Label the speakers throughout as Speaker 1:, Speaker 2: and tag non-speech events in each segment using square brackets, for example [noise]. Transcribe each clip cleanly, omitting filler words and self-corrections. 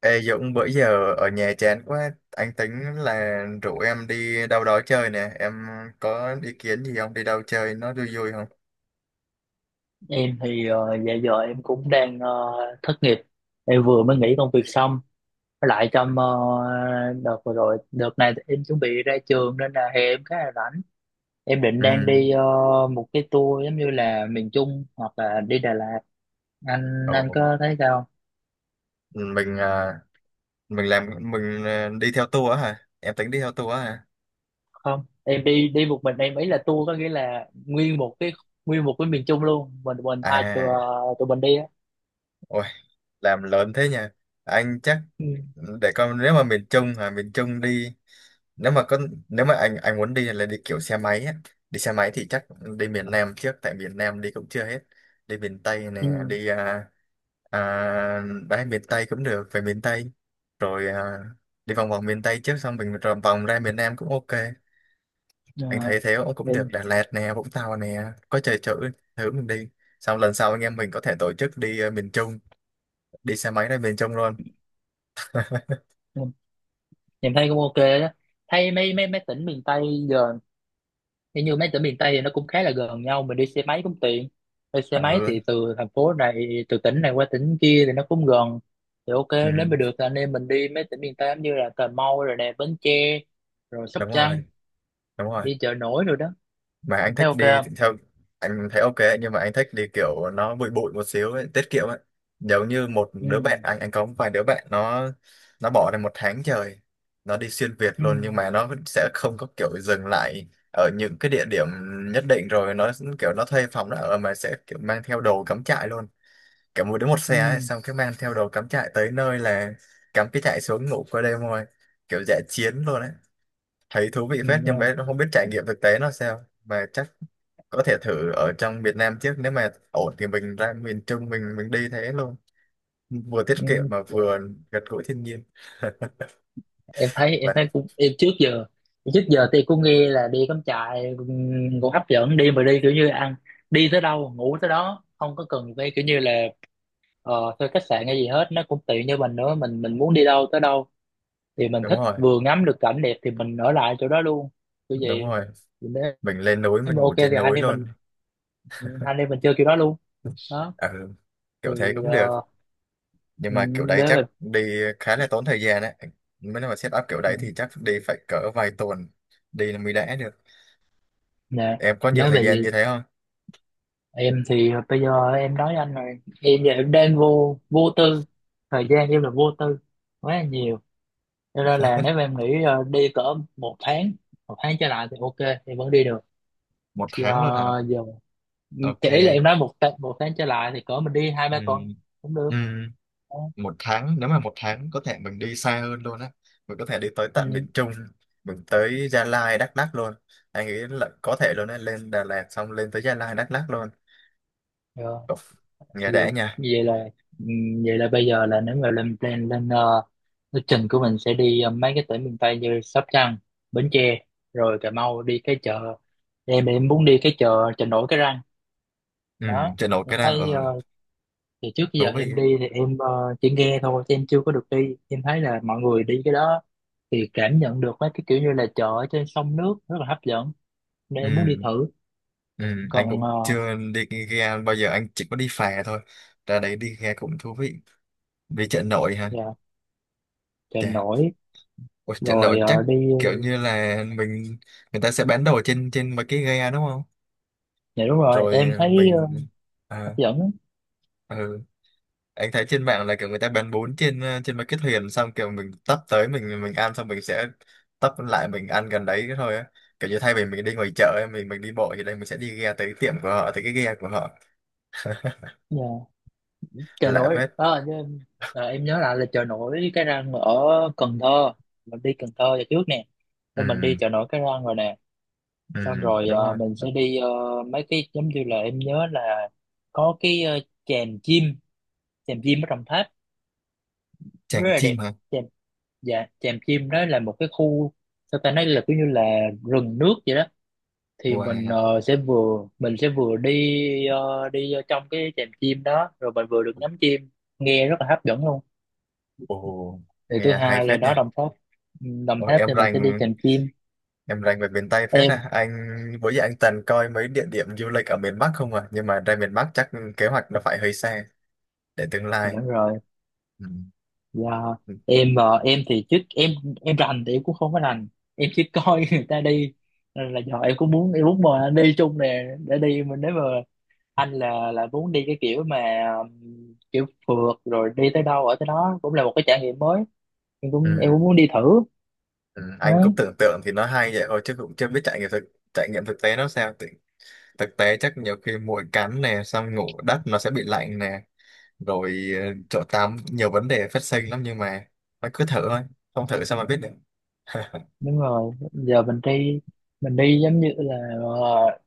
Speaker 1: Ê Dũng, bữa giờ ở nhà chán quá, anh tính là rủ em đi đâu đó chơi nè, em có ý kiến gì không? Đi đâu chơi nó vui vui không?
Speaker 2: Em thì dạ giờ em cũng đang thất nghiệp. Em vừa mới nghỉ công việc xong. Với lại trong đợt vừa rồi, đợt này thì em chuẩn bị ra trường nên là hè em khá là rảnh. Em định
Speaker 1: Ừ,
Speaker 2: đang đi một cái tour giống như là miền Trung hoặc là đi Đà Lạt. Anh
Speaker 1: ồ,
Speaker 2: có thấy sao
Speaker 1: mình à, mình làm mình à, đi theo tour á hả? Em tính đi theo tour á hả?
Speaker 2: không? Em đi đi một mình, em ý là tour có nghĩa là nguyên một cái miền Trung luôn. Mình hai
Speaker 1: À,
Speaker 2: tụi mình đi á.
Speaker 1: ôi, làm lớn thế nhỉ? Anh chắc
Speaker 2: Ừ.
Speaker 1: để coi, nếu mà miền Trung hả, miền Trung đi. Nếu mà có nếu mà anh muốn đi là đi kiểu xe máy á. Đi xe máy thì chắc đi miền Nam trước, tại miền Nam đi cũng chưa hết. Đi miền Tây nè,
Speaker 2: Ừ.
Speaker 1: đi à, à, ra miền Tây cũng được, về miền Tây rồi à, đi vòng vòng miền Tây trước xong mình rồi vòng ra miền Nam cũng ok. Anh
Speaker 2: Ờ,
Speaker 1: thấy thế cũng cũng
Speaker 2: em
Speaker 1: được. Đà Lạt nè, Vũng Tàu nè, có chơi chữ thử mình đi, xong lần sau anh em mình có thể tổ chức đi miền Trung, đi xe máy ra miền Trung luôn.
Speaker 2: ờ, em thấy cũng ok đó, thấy mấy mấy mấy tỉnh miền Tây giờ hình như mấy tỉnh miền Tây thì nó cũng khá là gần nhau, mình đi xe máy cũng tiện. Đi xe máy
Speaker 1: Ừ,
Speaker 2: thì từ thành phố này từ tỉnh này qua tỉnh kia thì nó cũng gần thì ok. Nếu
Speaker 1: ừ.
Speaker 2: mà được thì anh em mình đi mấy tỉnh miền Tây giống như là Cà Mau rồi nè, Bến Tre rồi Sóc
Speaker 1: Đúng
Speaker 2: Trăng,
Speaker 1: rồi, đúng rồi.
Speaker 2: đi chợ nổi rồi đó.
Speaker 1: Mà anh
Speaker 2: Em thấy
Speaker 1: thích
Speaker 2: ok
Speaker 1: đi
Speaker 2: không?
Speaker 1: thì theo. Anh thấy ok ấy, nhưng mà anh thích đi kiểu nó bụi bụi một xíu ấy, tiết kiệm ấy. Giống như một đứa
Speaker 2: Ừ.
Speaker 1: bạn anh có một vài đứa bạn, nó bỏ ra một tháng trời nó đi xuyên Việt
Speaker 2: Ừ.
Speaker 1: luôn, nhưng mà nó sẽ không có kiểu dừng lại ở những cái địa điểm nhất định. Rồi nó kiểu nó thuê phòng nó ở, mà sẽ kiểu mang theo đồ cắm trại luôn. Kiểu mỗi đứa một
Speaker 2: Ừ.
Speaker 1: xe ấy, xong cái mang theo đồ cắm trại tới nơi là cắm cái trại xuống ngủ qua đêm thôi, kiểu dã chiến luôn ấy. Thấy thú vị
Speaker 2: Ừ.
Speaker 1: phết, nhưng mà
Speaker 2: Ừ.
Speaker 1: em không biết trải nghiệm thực tế nó sao, mà chắc có thể thử ở trong Việt Nam trước, nếu mà ổn thì mình ra miền Trung mình đi thế luôn, vừa tiết kiệm
Speaker 2: Ừ.
Speaker 1: mà vừa gần gũi thiên nhiên. [laughs]
Speaker 2: Em
Speaker 1: Vậy,
Speaker 2: thấy cũng, trước giờ thì cũng nghe là đi cắm trại cũng hấp dẫn, đi mà đi kiểu như ăn, đi tới đâu ngủ tới đó, không có cần phải kiểu như là thuê khách sạn hay gì hết, nó cũng tiện cho mình nữa. Mình muốn đi đâu tới đâu thì mình
Speaker 1: đúng
Speaker 2: thích,
Speaker 1: rồi,
Speaker 2: vừa ngắm được cảnh đẹp thì mình ở lại chỗ đó luôn, kiểu
Speaker 1: đúng
Speaker 2: vậy.
Speaker 1: rồi.
Speaker 2: Thì nếu
Speaker 1: Mình lên núi mình
Speaker 2: mà
Speaker 1: ngủ
Speaker 2: ok thì
Speaker 1: trên núi luôn.
Speaker 2: hai anh em mình chơi kiểu đó luôn đó.
Speaker 1: Ừ,
Speaker 2: Thì
Speaker 1: kiểu thế cũng
Speaker 2: ờ,
Speaker 1: được. Nhưng mà kiểu đấy
Speaker 2: nếu
Speaker 1: chắc
Speaker 2: mà
Speaker 1: đi khá là tốn thời gian đấy, mới nói mà set up kiểu đấy thì chắc đi phải cỡ vài tuần đi là mới đã được.
Speaker 2: nè,
Speaker 1: Em có nhiều
Speaker 2: nếu
Speaker 1: thời
Speaker 2: mà
Speaker 1: gian như
Speaker 2: vậy
Speaker 1: thế không?
Speaker 2: em thì bây giờ em nói anh rồi, em giờ em đang vô vô tư, thời gian em là vô tư quá là nhiều. Cho nên là nếu mà
Speaker 1: [laughs]
Speaker 2: em nghĩ đi cỡ một tháng, một tháng trở lại thì ok, em vẫn đi được.
Speaker 1: Một
Speaker 2: Thì
Speaker 1: tháng luôn hả?
Speaker 2: giờ
Speaker 1: Ok.
Speaker 2: kể là em nói một tháng, một tháng trở lại thì cỡ mình đi hai ba
Speaker 1: Ừ.
Speaker 2: tuần cũng được.
Speaker 1: Ừ. Một tháng, nếu mà một tháng có thể mình đi xa hơn luôn á, mình có thể đi tới tận
Speaker 2: Ừ.
Speaker 1: miền Trung, mình tới Gia Lai, Đắk Lắk luôn. Anh nghĩ là có thể luôn á, lên Đà Lạt xong lên tới Gia Lai, Đắk Lắk luôn.
Speaker 2: Rồi.
Speaker 1: Ồ, nghe đã nha.
Speaker 2: Vậy là ừ, vậy là bây giờ là nếu mà lên plan lên lịch trình của mình sẽ đi mấy cái tỉnh miền Tây như Sóc Trăng, Bến Tre rồi Cà Mau, đi cái chợ. Em muốn đi cái chợ chợ nổi cái răng
Speaker 1: Ừ,
Speaker 2: đó.
Speaker 1: trên nổi
Speaker 2: Em
Speaker 1: cái đang
Speaker 2: thấy
Speaker 1: ở.
Speaker 2: thì trước giờ
Speaker 1: Thú vị.
Speaker 2: em đi thì em chỉ nghe thôi chứ em chưa có được đi. Em thấy là mọi người đi cái đó thì cảm nhận được mấy cái kiểu như là chợ ở trên sông nước rất là hấp dẫn, nên em muốn đi
Speaker 1: Ừ,
Speaker 2: thử.
Speaker 1: ừ, anh
Speaker 2: Còn
Speaker 1: cũng chưa đi ghe bao giờ, anh chỉ có đi phà thôi. Ra đấy đi ghe cũng thú vị. Đi chợ nổi ha.
Speaker 2: dạ, chợ
Speaker 1: Chà.
Speaker 2: nổi,
Speaker 1: Ôi, chợ nổi
Speaker 2: rồi
Speaker 1: chắc
Speaker 2: đi.
Speaker 1: kiểu như là mình, người ta sẽ bán đồ trên trên mấy cái ghe đúng không?
Speaker 2: Dạ đúng rồi, em
Speaker 1: Rồi
Speaker 2: thấy
Speaker 1: mình à,
Speaker 2: hấp dẫn.
Speaker 1: ừ. Anh thấy trên mạng là kiểu người ta bán bún trên trên mấy cái thuyền, xong kiểu mình tấp tới mình ăn xong mình sẽ tấp lại mình ăn gần đấy thôi á. Kiểu như thay vì mình đi ngoài chợ ấy, mình đi bộ thì đây mình sẽ đi ghe tới tiệm của họ, tới cái ghe của họ.
Speaker 2: Dạ, chợ
Speaker 1: Lạ
Speaker 2: nổi
Speaker 1: phết.
Speaker 2: đó em, em nhớ lại là chợ nổi cái răng ở Cần Thơ. Mình đi Cần Thơ giờ trước nè, thì
Speaker 1: Ừ,
Speaker 2: mình đi chợ nổi cái răng rồi nè.
Speaker 1: ừ.
Speaker 2: Xong rồi
Speaker 1: Đúng rồi.
Speaker 2: mình sẽ đi mấy cái giống như là em nhớ là có cái chèm chim, chèm chim ở Đồng Tháp
Speaker 1: Tràng
Speaker 2: rất là
Speaker 1: chim
Speaker 2: đẹp.
Speaker 1: hả.
Speaker 2: chèm dạ chèm chim đó là một cái khu, sao ta, nói là kiểu như là rừng nước vậy đó. Thì mình
Speaker 1: Wow.
Speaker 2: sẽ vừa, mình sẽ vừa đi đi ở trong cái chèm chim đó, rồi mình vừa được ngắm chim, nghe rất là hấp dẫn luôn.
Speaker 1: Ồ.
Speaker 2: Thì thứ
Speaker 1: Nghe hay
Speaker 2: hai là
Speaker 1: phết
Speaker 2: đó,
Speaker 1: nha.
Speaker 2: Đồng Tháp. Ừ, Đồng
Speaker 1: Ôi,
Speaker 2: Tháp
Speaker 1: em
Speaker 2: thì mình sẽ đi
Speaker 1: rành.
Speaker 2: chèm chim.
Speaker 1: Em rành về miền Tây phết
Speaker 2: Em.
Speaker 1: à anh. Bữa giờ anh toàn coi mấy địa điểm du lịch ở miền Bắc không à, nhưng mà ra miền Bắc chắc kế hoạch nó phải hơi xa, để tương
Speaker 2: Dạ,
Speaker 1: lai.
Speaker 2: đúng rồi.
Speaker 1: Ừ.
Speaker 2: Dạ, em ờ, em thì chứ em rành thì em cũng không có rành, em chỉ coi [laughs] người ta đi. Nên là giờ em cũng muốn, em muốn mời anh đi chung nè, để đi mình, nếu mà anh là muốn đi cái kiểu mà kiểu phượt rồi đi tới đâu ở tới đó cũng là một cái trải nghiệm mới, em cũng cũng
Speaker 1: Ừ.
Speaker 2: muốn đi thử
Speaker 1: Ừ, anh
Speaker 2: đấy.
Speaker 1: cũng tưởng tượng thì nó hay vậy thôi chứ cũng chưa biết trải nghiệm thực, trải nghiệm thực tế nó sao thực, thực tế chắc nhiều khi muỗi cắn nè, xong ngủ đất nó sẽ bị lạnh nè, rồi chỗ tắm, nhiều vấn đề phát sinh lắm. Nhưng mà nó cứ thử thôi, không thử sao mà biết được. [laughs]
Speaker 2: Đúng rồi, giờ mình đi, giống như là ờ,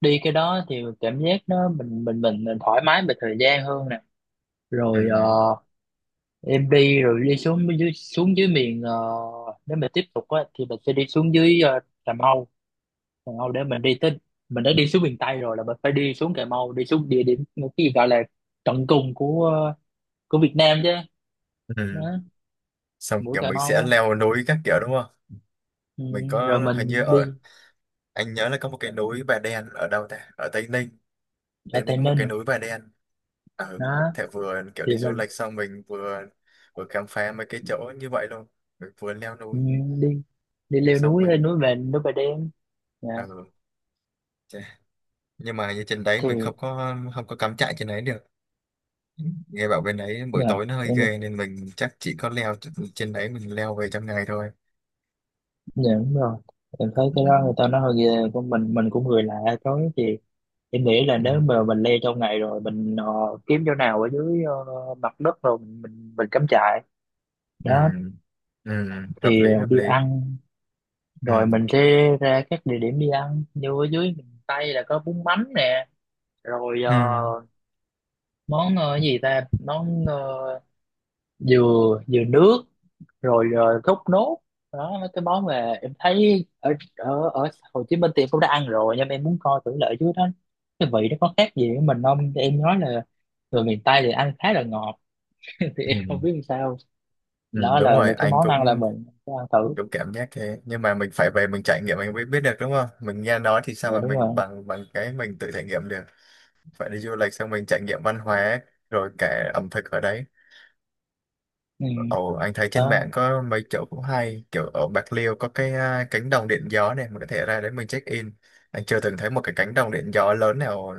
Speaker 2: đi cái đó thì cảm giác nó, mình thoải mái về thời gian hơn nè. Rồi
Speaker 1: Ừ,
Speaker 2: em đi, rồi đi xuống dưới, miền nếu mà tiếp tục á thì mình sẽ đi xuống dưới Cà Mau. Cà Mau để mình đi tới, mình đã đi xuống miền Tây rồi là mình phải đi xuống Cà Mau, đi xuống địa điểm cái gì gọi là tận cùng của của Việt Nam chứ
Speaker 1: ừ.
Speaker 2: đó,
Speaker 1: Xong
Speaker 2: mũi
Speaker 1: kiểu
Speaker 2: Cà
Speaker 1: mình sẽ
Speaker 2: Mau.
Speaker 1: leo núi các kiểu đúng không?
Speaker 2: Ừ,
Speaker 1: Mình
Speaker 2: rồi
Speaker 1: có hình như
Speaker 2: mình
Speaker 1: ở,
Speaker 2: đi
Speaker 1: anh nhớ là có một cái núi Bà Đen ở đâu ta, ở Tây Ninh.
Speaker 2: ở
Speaker 1: Để thì
Speaker 2: Tây
Speaker 1: có một cái
Speaker 2: Ninh
Speaker 1: núi bà đen ở,
Speaker 2: đó,
Speaker 1: thể vừa kiểu
Speaker 2: thì
Speaker 1: đi du
Speaker 2: mình
Speaker 1: lịch xong mình vừa vừa khám phá mấy cái chỗ như vậy luôn, mình vừa leo
Speaker 2: ừ,
Speaker 1: núi
Speaker 2: đi đi leo
Speaker 1: xong
Speaker 2: núi, lên
Speaker 1: mình
Speaker 2: núi về núi Bà Đen. Dạ.
Speaker 1: ờ, chà. Nhưng mà như trên đấy mình
Speaker 2: thì
Speaker 1: không có cắm trại trên đấy được, nghe bảo bên đấy buổi
Speaker 2: dạ,
Speaker 1: tối nó hơi
Speaker 2: em
Speaker 1: ghê nên mình chắc chỉ có leo trên đấy, mình leo về trong ngày thôi.
Speaker 2: Dạ, đúng rồi, em thấy
Speaker 1: Ừ.
Speaker 2: cái đó người ta nói hơi ghê, của mình cũng người lạ tối thì em nghĩ là
Speaker 1: Ừ.
Speaker 2: nếu mà mình leo trong ngày rồi mình kiếm chỗ nào ở dưới mặt đất rồi mình cắm trại
Speaker 1: Ừ.
Speaker 2: đó.
Speaker 1: Ừ. Hợp
Speaker 2: Thì
Speaker 1: lý, hợp
Speaker 2: đi
Speaker 1: lý.
Speaker 2: ăn,
Speaker 1: Ừ.
Speaker 2: rồi mình sẽ ra các địa điểm đi ăn như ở dưới miền Tây là có bún mắm nè, rồi
Speaker 1: Ừ.
Speaker 2: món ờ, gì ta món ờ, dừa, dừa nước, rồi thốt nốt đó. Mấy cái món mà em thấy ở ở ở Hồ Chí Minh thì em cũng đã ăn rồi, nhưng mà em muốn coi thử lại chứ đó, cái vị nó có khác gì với mình không. Thì em nói là người miền Tây thì ăn khá là ngọt, [laughs] thì em
Speaker 1: Ừ.
Speaker 2: không biết làm sao.
Speaker 1: Ừ.
Speaker 2: Đó
Speaker 1: Đúng
Speaker 2: là
Speaker 1: rồi,
Speaker 2: những cái
Speaker 1: anh
Speaker 2: món ăn là
Speaker 1: cũng
Speaker 2: mình sẽ ăn thử.
Speaker 1: đúng cảm giác thế. Nhưng mà mình phải về mình trải nghiệm mình mới biết được đúng không? Mình nghe nói thì sao
Speaker 2: Dạ
Speaker 1: mà
Speaker 2: đúng
Speaker 1: mình
Speaker 2: rồi.
Speaker 1: bằng bằng cái mình tự trải nghiệm được. Phải đi du lịch xong mình trải nghiệm văn hóa rồi cả ẩm thực ở đấy.
Speaker 2: Ừ.
Speaker 1: Ồ, anh thấy trên
Speaker 2: Đó.
Speaker 1: mạng có mấy chỗ cũng hay, kiểu ở Bạc Liêu có cái cánh đồng điện gió này mình có thể ra đấy mình check in. Anh chưa từng thấy một cái cánh đồng điện gió lớn nào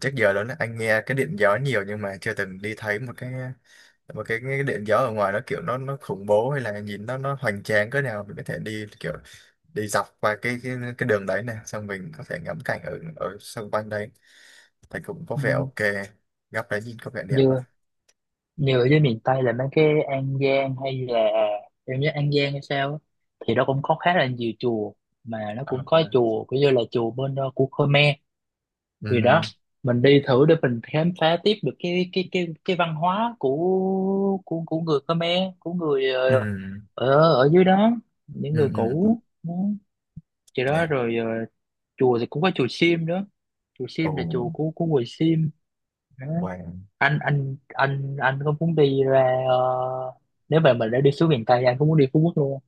Speaker 1: trước giờ lớn, anh nghe cái điện gió nhiều nhưng mà chưa từng đi thấy một cái, mà cái điện gió ở ngoài nó kiểu nó khủng bố hay là nhìn nó hoành tráng cỡ nào. Mình có thể đi kiểu đi dọc qua cái đường đấy này xong mình có thể ngắm cảnh ở ở xung quanh đấy, thì cũng có
Speaker 2: Ừ.
Speaker 1: vẻ ok. Góc đấy nhìn có vẻ đẹp á.
Speaker 2: dưa Như ở dưới miền Tây là mấy cái An Giang hay là em nhớ An Giang hay sao á, thì nó cũng có khá là nhiều chùa, mà nó cũng
Speaker 1: Ờ.
Speaker 2: có chùa kiểu như là chùa bên của Khmer. Thì đó,
Speaker 1: Ừ.
Speaker 2: mình đi thử để mình khám phá tiếp được cái văn hóa của người Khmer, của người
Speaker 1: Ừ.
Speaker 2: ở ở dưới đó, những
Speaker 1: Ừ.
Speaker 2: người
Speaker 1: Ừ.
Speaker 2: cũ đó. Thì đó
Speaker 1: Nè.
Speaker 2: rồi chùa thì cũng có chùa Sim nữa, chùa
Speaker 1: Ồ.
Speaker 2: Sim là chùa của người Sim.
Speaker 1: Wow.
Speaker 2: Anh có muốn đi ra nếu mà mình đã đi xuống miền Tây, anh có muốn đi Phú Quốc luôn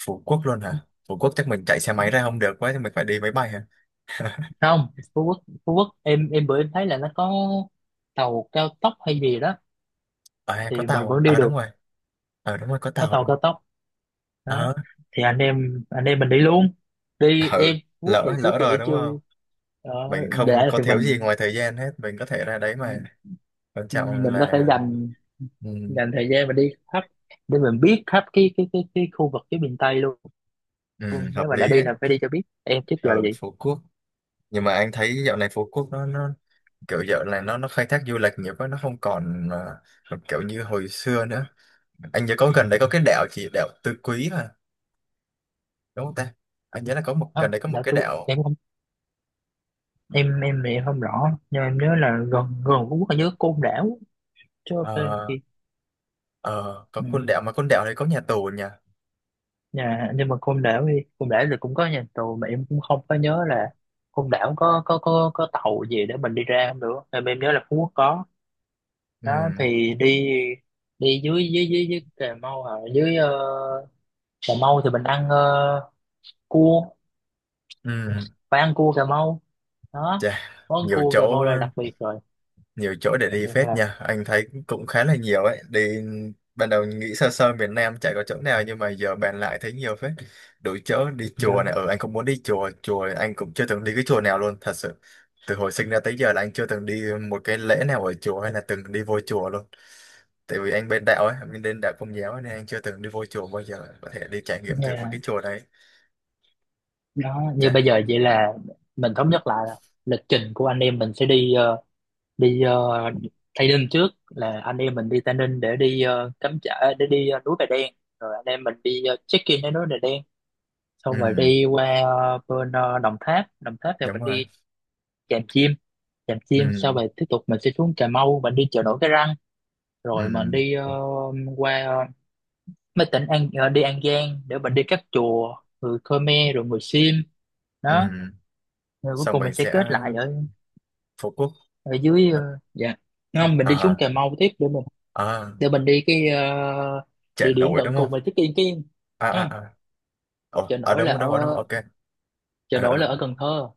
Speaker 1: Phú Quốc luôn hả? Phú Quốc chắc mình chạy xe máy ra không được quá thì mình phải đi máy bay hả? [laughs]
Speaker 2: không? Không, Phú Quốc, em bữa em thấy là nó có tàu cao tốc hay gì đó,
Speaker 1: À, có
Speaker 2: thì mình
Speaker 1: tàu
Speaker 2: vẫn đi
Speaker 1: đúng
Speaker 2: được,
Speaker 1: rồi. Ờ đúng rồi, có
Speaker 2: có
Speaker 1: tàu
Speaker 2: tàu
Speaker 1: đúng.
Speaker 2: cao tốc đó.
Speaker 1: Ờ.
Speaker 2: Thì anh em mình đi luôn, đi
Speaker 1: Ừ.
Speaker 2: em. Phú Quốc thì
Speaker 1: lỡ
Speaker 2: trước
Speaker 1: lỡ
Speaker 2: kia
Speaker 1: rồi
Speaker 2: em
Speaker 1: đúng
Speaker 2: chưa.
Speaker 1: không?
Speaker 2: ờ,
Speaker 1: Mình
Speaker 2: để
Speaker 1: không có
Speaker 2: thì
Speaker 1: thiếu
Speaker 2: mình
Speaker 1: gì ngoài thời gian hết, mình có thể ra đấy mà. Quan trọng
Speaker 2: mình có thể
Speaker 1: là.
Speaker 2: dành
Speaker 1: Ừ,
Speaker 2: dành thời gian mà đi khắp, để mình biết khắp cái khu vực, cái miền Tây luôn.
Speaker 1: ừ,
Speaker 2: Nếu
Speaker 1: hợp
Speaker 2: mà đã
Speaker 1: lý
Speaker 2: đi
Speaker 1: ấy.
Speaker 2: là phải đi cho biết, em trước
Speaker 1: Ở
Speaker 2: giờ là vậy.
Speaker 1: Phú Quốc, nhưng mà anh thấy dạo này Phú Quốc nó kiểu dạo này nó khai thác du lịch nhiều quá, nó không còn kiểu như hồi xưa nữa. Anh nhớ có gần đấy có cái đảo, chỉ đảo Tứ Quý mà, đúng không ta. Anh nhớ là có một gần
Speaker 2: Không,
Speaker 1: đấy có một
Speaker 2: dạ
Speaker 1: cái
Speaker 2: thưa
Speaker 1: đảo.
Speaker 2: em không, em thì em không rõ, nhưng mà em nhớ là gần gần Phú Quốc là nhớ Côn Đảo chứ ok.
Speaker 1: Ờ,
Speaker 2: Thì
Speaker 1: ờ, có
Speaker 2: ừ.
Speaker 1: con đảo mà con đảo đấy có nhà tù nhỉ.
Speaker 2: Nhà nhưng mà Côn Đảo thì cũng có nhà tù, mà em cũng không có nhớ là Côn Đảo có tàu gì để mình đi ra không nữa, em nhớ là Phú Quốc có
Speaker 1: Ừ.
Speaker 2: đó. Thì đi, đi dưới dưới Cà Mau, à, dưới Cà Mau thì mình ăn cua,
Speaker 1: Ừ.
Speaker 2: phải ăn cua Cà Mau đó,
Speaker 1: Chà.
Speaker 2: món
Speaker 1: Nhiều
Speaker 2: cua Cà
Speaker 1: chỗ,
Speaker 2: Mau là đặc biệt rồi.
Speaker 1: nhiều chỗ để đi phết
Speaker 2: Dạ.
Speaker 1: nha, anh thấy cũng khá là nhiều ấy đi. Ban đầu nghĩ sơ sơ miền Nam chả có chỗ nào nhưng mà giờ bàn lại thấy nhiều phết. Đủ chỗ đi. Chùa
Speaker 2: Dạ.
Speaker 1: này, ừ anh cũng muốn đi chùa. Chùa anh cũng chưa từng đi cái chùa nào luôn thật sự. Từ hồi sinh ra tới giờ là anh chưa từng đi một cái lễ nào ở chùa hay là từng đi vô chùa luôn. Tại vì anh bên đạo ấy, anh bên đạo Công giáo ấy, nên anh chưa từng đi vô chùa bao giờ, có thể đi trải nghiệm thử một
Speaker 2: Dạ.
Speaker 1: cái chùa đấy.
Speaker 2: Đó, như
Speaker 1: Chà.
Speaker 2: bây giờ vậy là mình thống nhất lại là lịch trình của anh em mình sẽ đi đi ờ, Tây Ninh trước, là anh em mình đi Tây Ninh để đi cắm trại, để đi núi Bà Đen, rồi anh em mình đi check-in đến núi Bà Đen.
Speaker 1: Ừ,
Speaker 2: Xong rồi đi qua Đồng Tháp. Đồng Tháp thì
Speaker 1: đúng
Speaker 2: mình
Speaker 1: rồi.
Speaker 2: đi Tràm Chim, Tràm Chim sau.
Speaker 1: Ừ.
Speaker 2: Rồi tiếp tục mình sẽ xuống Cà Mau, mình đi chợ nổi Cái Răng,
Speaker 1: Ừ.
Speaker 2: rồi mình đi qua mấy tỉnh đi An Giang để mình đi các chùa người Khmer rồi người Sim
Speaker 1: Ừ.
Speaker 2: đó. Rồi cuối
Speaker 1: Xong
Speaker 2: cùng mình
Speaker 1: mình
Speaker 2: sẽ
Speaker 1: sẽ
Speaker 2: kết lại ở,
Speaker 1: Phú Quốc.
Speaker 2: ở dưới dạ không, mình đi xuống
Speaker 1: À,
Speaker 2: Cà Mau tiếp, để mình,
Speaker 1: à.
Speaker 2: để mình đi cái
Speaker 1: Chợ
Speaker 2: địa điểm
Speaker 1: nổi
Speaker 2: tận
Speaker 1: đúng không?
Speaker 2: cùng mà check in cái,
Speaker 1: À, à,
Speaker 2: không,
Speaker 1: à. Ồ,
Speaker 2: chợ
Speaker 1: ở
Speaker 2: nổi
Speaker 1: đúng,
Speaker 2: là
Speaker 1: ở đúng, ở đúng,
Speaker 2: ở,
Speaker 1: ok.
Speaker 2: chợ
Speaker 1: Ờ ờ
Speaker 2: nổi là
Speaker 1: ờ,
Speaker 2: ở Cần Thơ.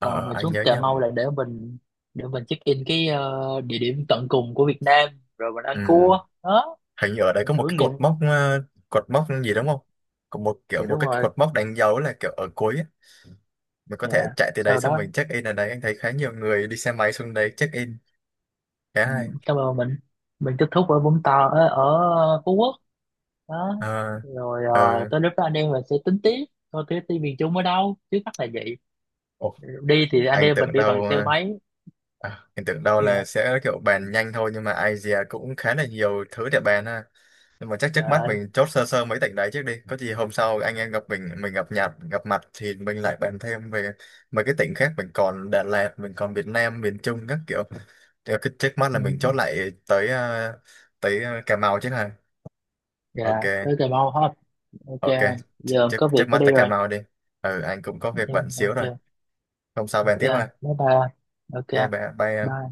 Speaker 2: Còn mình
Speaker 1: anh
Speaker 2: xuống
Speaker 1: nhớ
Speaker 2: Cà
Speaker 1: nha.
Speaker 2: Mau là để mình, để mình check in cái địa điểm tận cùng của Việt Nam, rồi mình ăn
Speaker 1: Ừ.
Speaker 2: cua đó,
Speaker 1: Hình như ở đây
Speaker 2: mình
Speaker 1: có một cái
Speaker 2: thưởng nghiệm.
Speaker 1: cột mốc cột mốc gì đúng không? Có một kiểu
Speaker 2: Dạ
Speaker 1: một
Speaker 2: đúng
Speaker 1: cái
Speaker 2: rồi.
Speaker 1: cột mốc đánh dấu là kiểu ở cuối á. Mình có thể
Speaker 2: Dạ,
Speaker 1: chạy từ đấy,
Speaker 2: sau
Speaker 1: xong
Speaker 2: đó
Speaker 1: mình check in ở đấy. Anh thấy khá nhiều người đi xe máy xuống đấy check in. Khá
Speaker 2: ừ,
Speaker 1: hay.
Speaker 2: cảm ơn mình kết thúc ở ở Phú Quốc đó.
Speaker 1: Ờ.
Speaker 2: Rồi
Speaker 1: Ừ.
Speaker 2: tới lúc đó anh em mình sẽ tính tiếp, coi cái team miền Trung ở đâu. Trước mắt là vậy,
Speaker 1: Ồ,
Speaker 2: đi thì anh
Speaker 1: anh
Speaker 2: em mình
Speaker 1: tưởng
Speaker 2: đi
Speaker 1: đâu
Speaker 2: bằng xe
Speaker 1: ờ,
Speaker 2: máy.
Speaker 1: anh tưởng đâu là
Speaker 2: Dạ.
Speaker 1: sẽ kiểu bàn nhanh thôi, nhưng mà Asia cũng khá là nhiều thứ để bàn ha. Nhưng mà chắc trước mắt
Speaker 2: Trời.
Speaker 1: mình chốt sơ sơ mấy tỉnh đấy trước đi, có gì hôm sau anh em gặp mình gặp Nhật, gặp mặt thì mình lại bàn thêm về mấy cái tỉnh khác. Mình còn Đà Lạt, mình còn Việt Nam miền Trung các kiểu. Thì cái trước mắt là mình chốt
Speaker 2: Ừ.
Speaker 1: lại tới tới Cà Mau chứ hả? Ok.
Speaker 2: Dạ, tới Cà Mau hết. Ok
Speaker 1: Ok,
Speaker 2: anh giờ
Speaker 1: trước
Speaker 2: có việc
Speaker 1: trước
Speaker 2: phải
Speaker 1: mắt
Speaker 2: đi
Speaker 1: tới Cà
Speaker 2: rồi.
Speaker 1: Mau đi. Ừ, anh cũng có việc
Speaker 2: Em
Speaker 1: bận xíu
Speaker 2: ok.
Speaker 1: rồi. Hôm sau bàn
Speaker 2: Ok
Speaker 1: tiếp
Speaker 2: anh,
Speaker 1: ha.
Speaker 2: bye bye anh. Ok
Speaker 1: Ok
Speaker 2: anh.
Speaker 1: bye bye.
Speaker 2: Bye.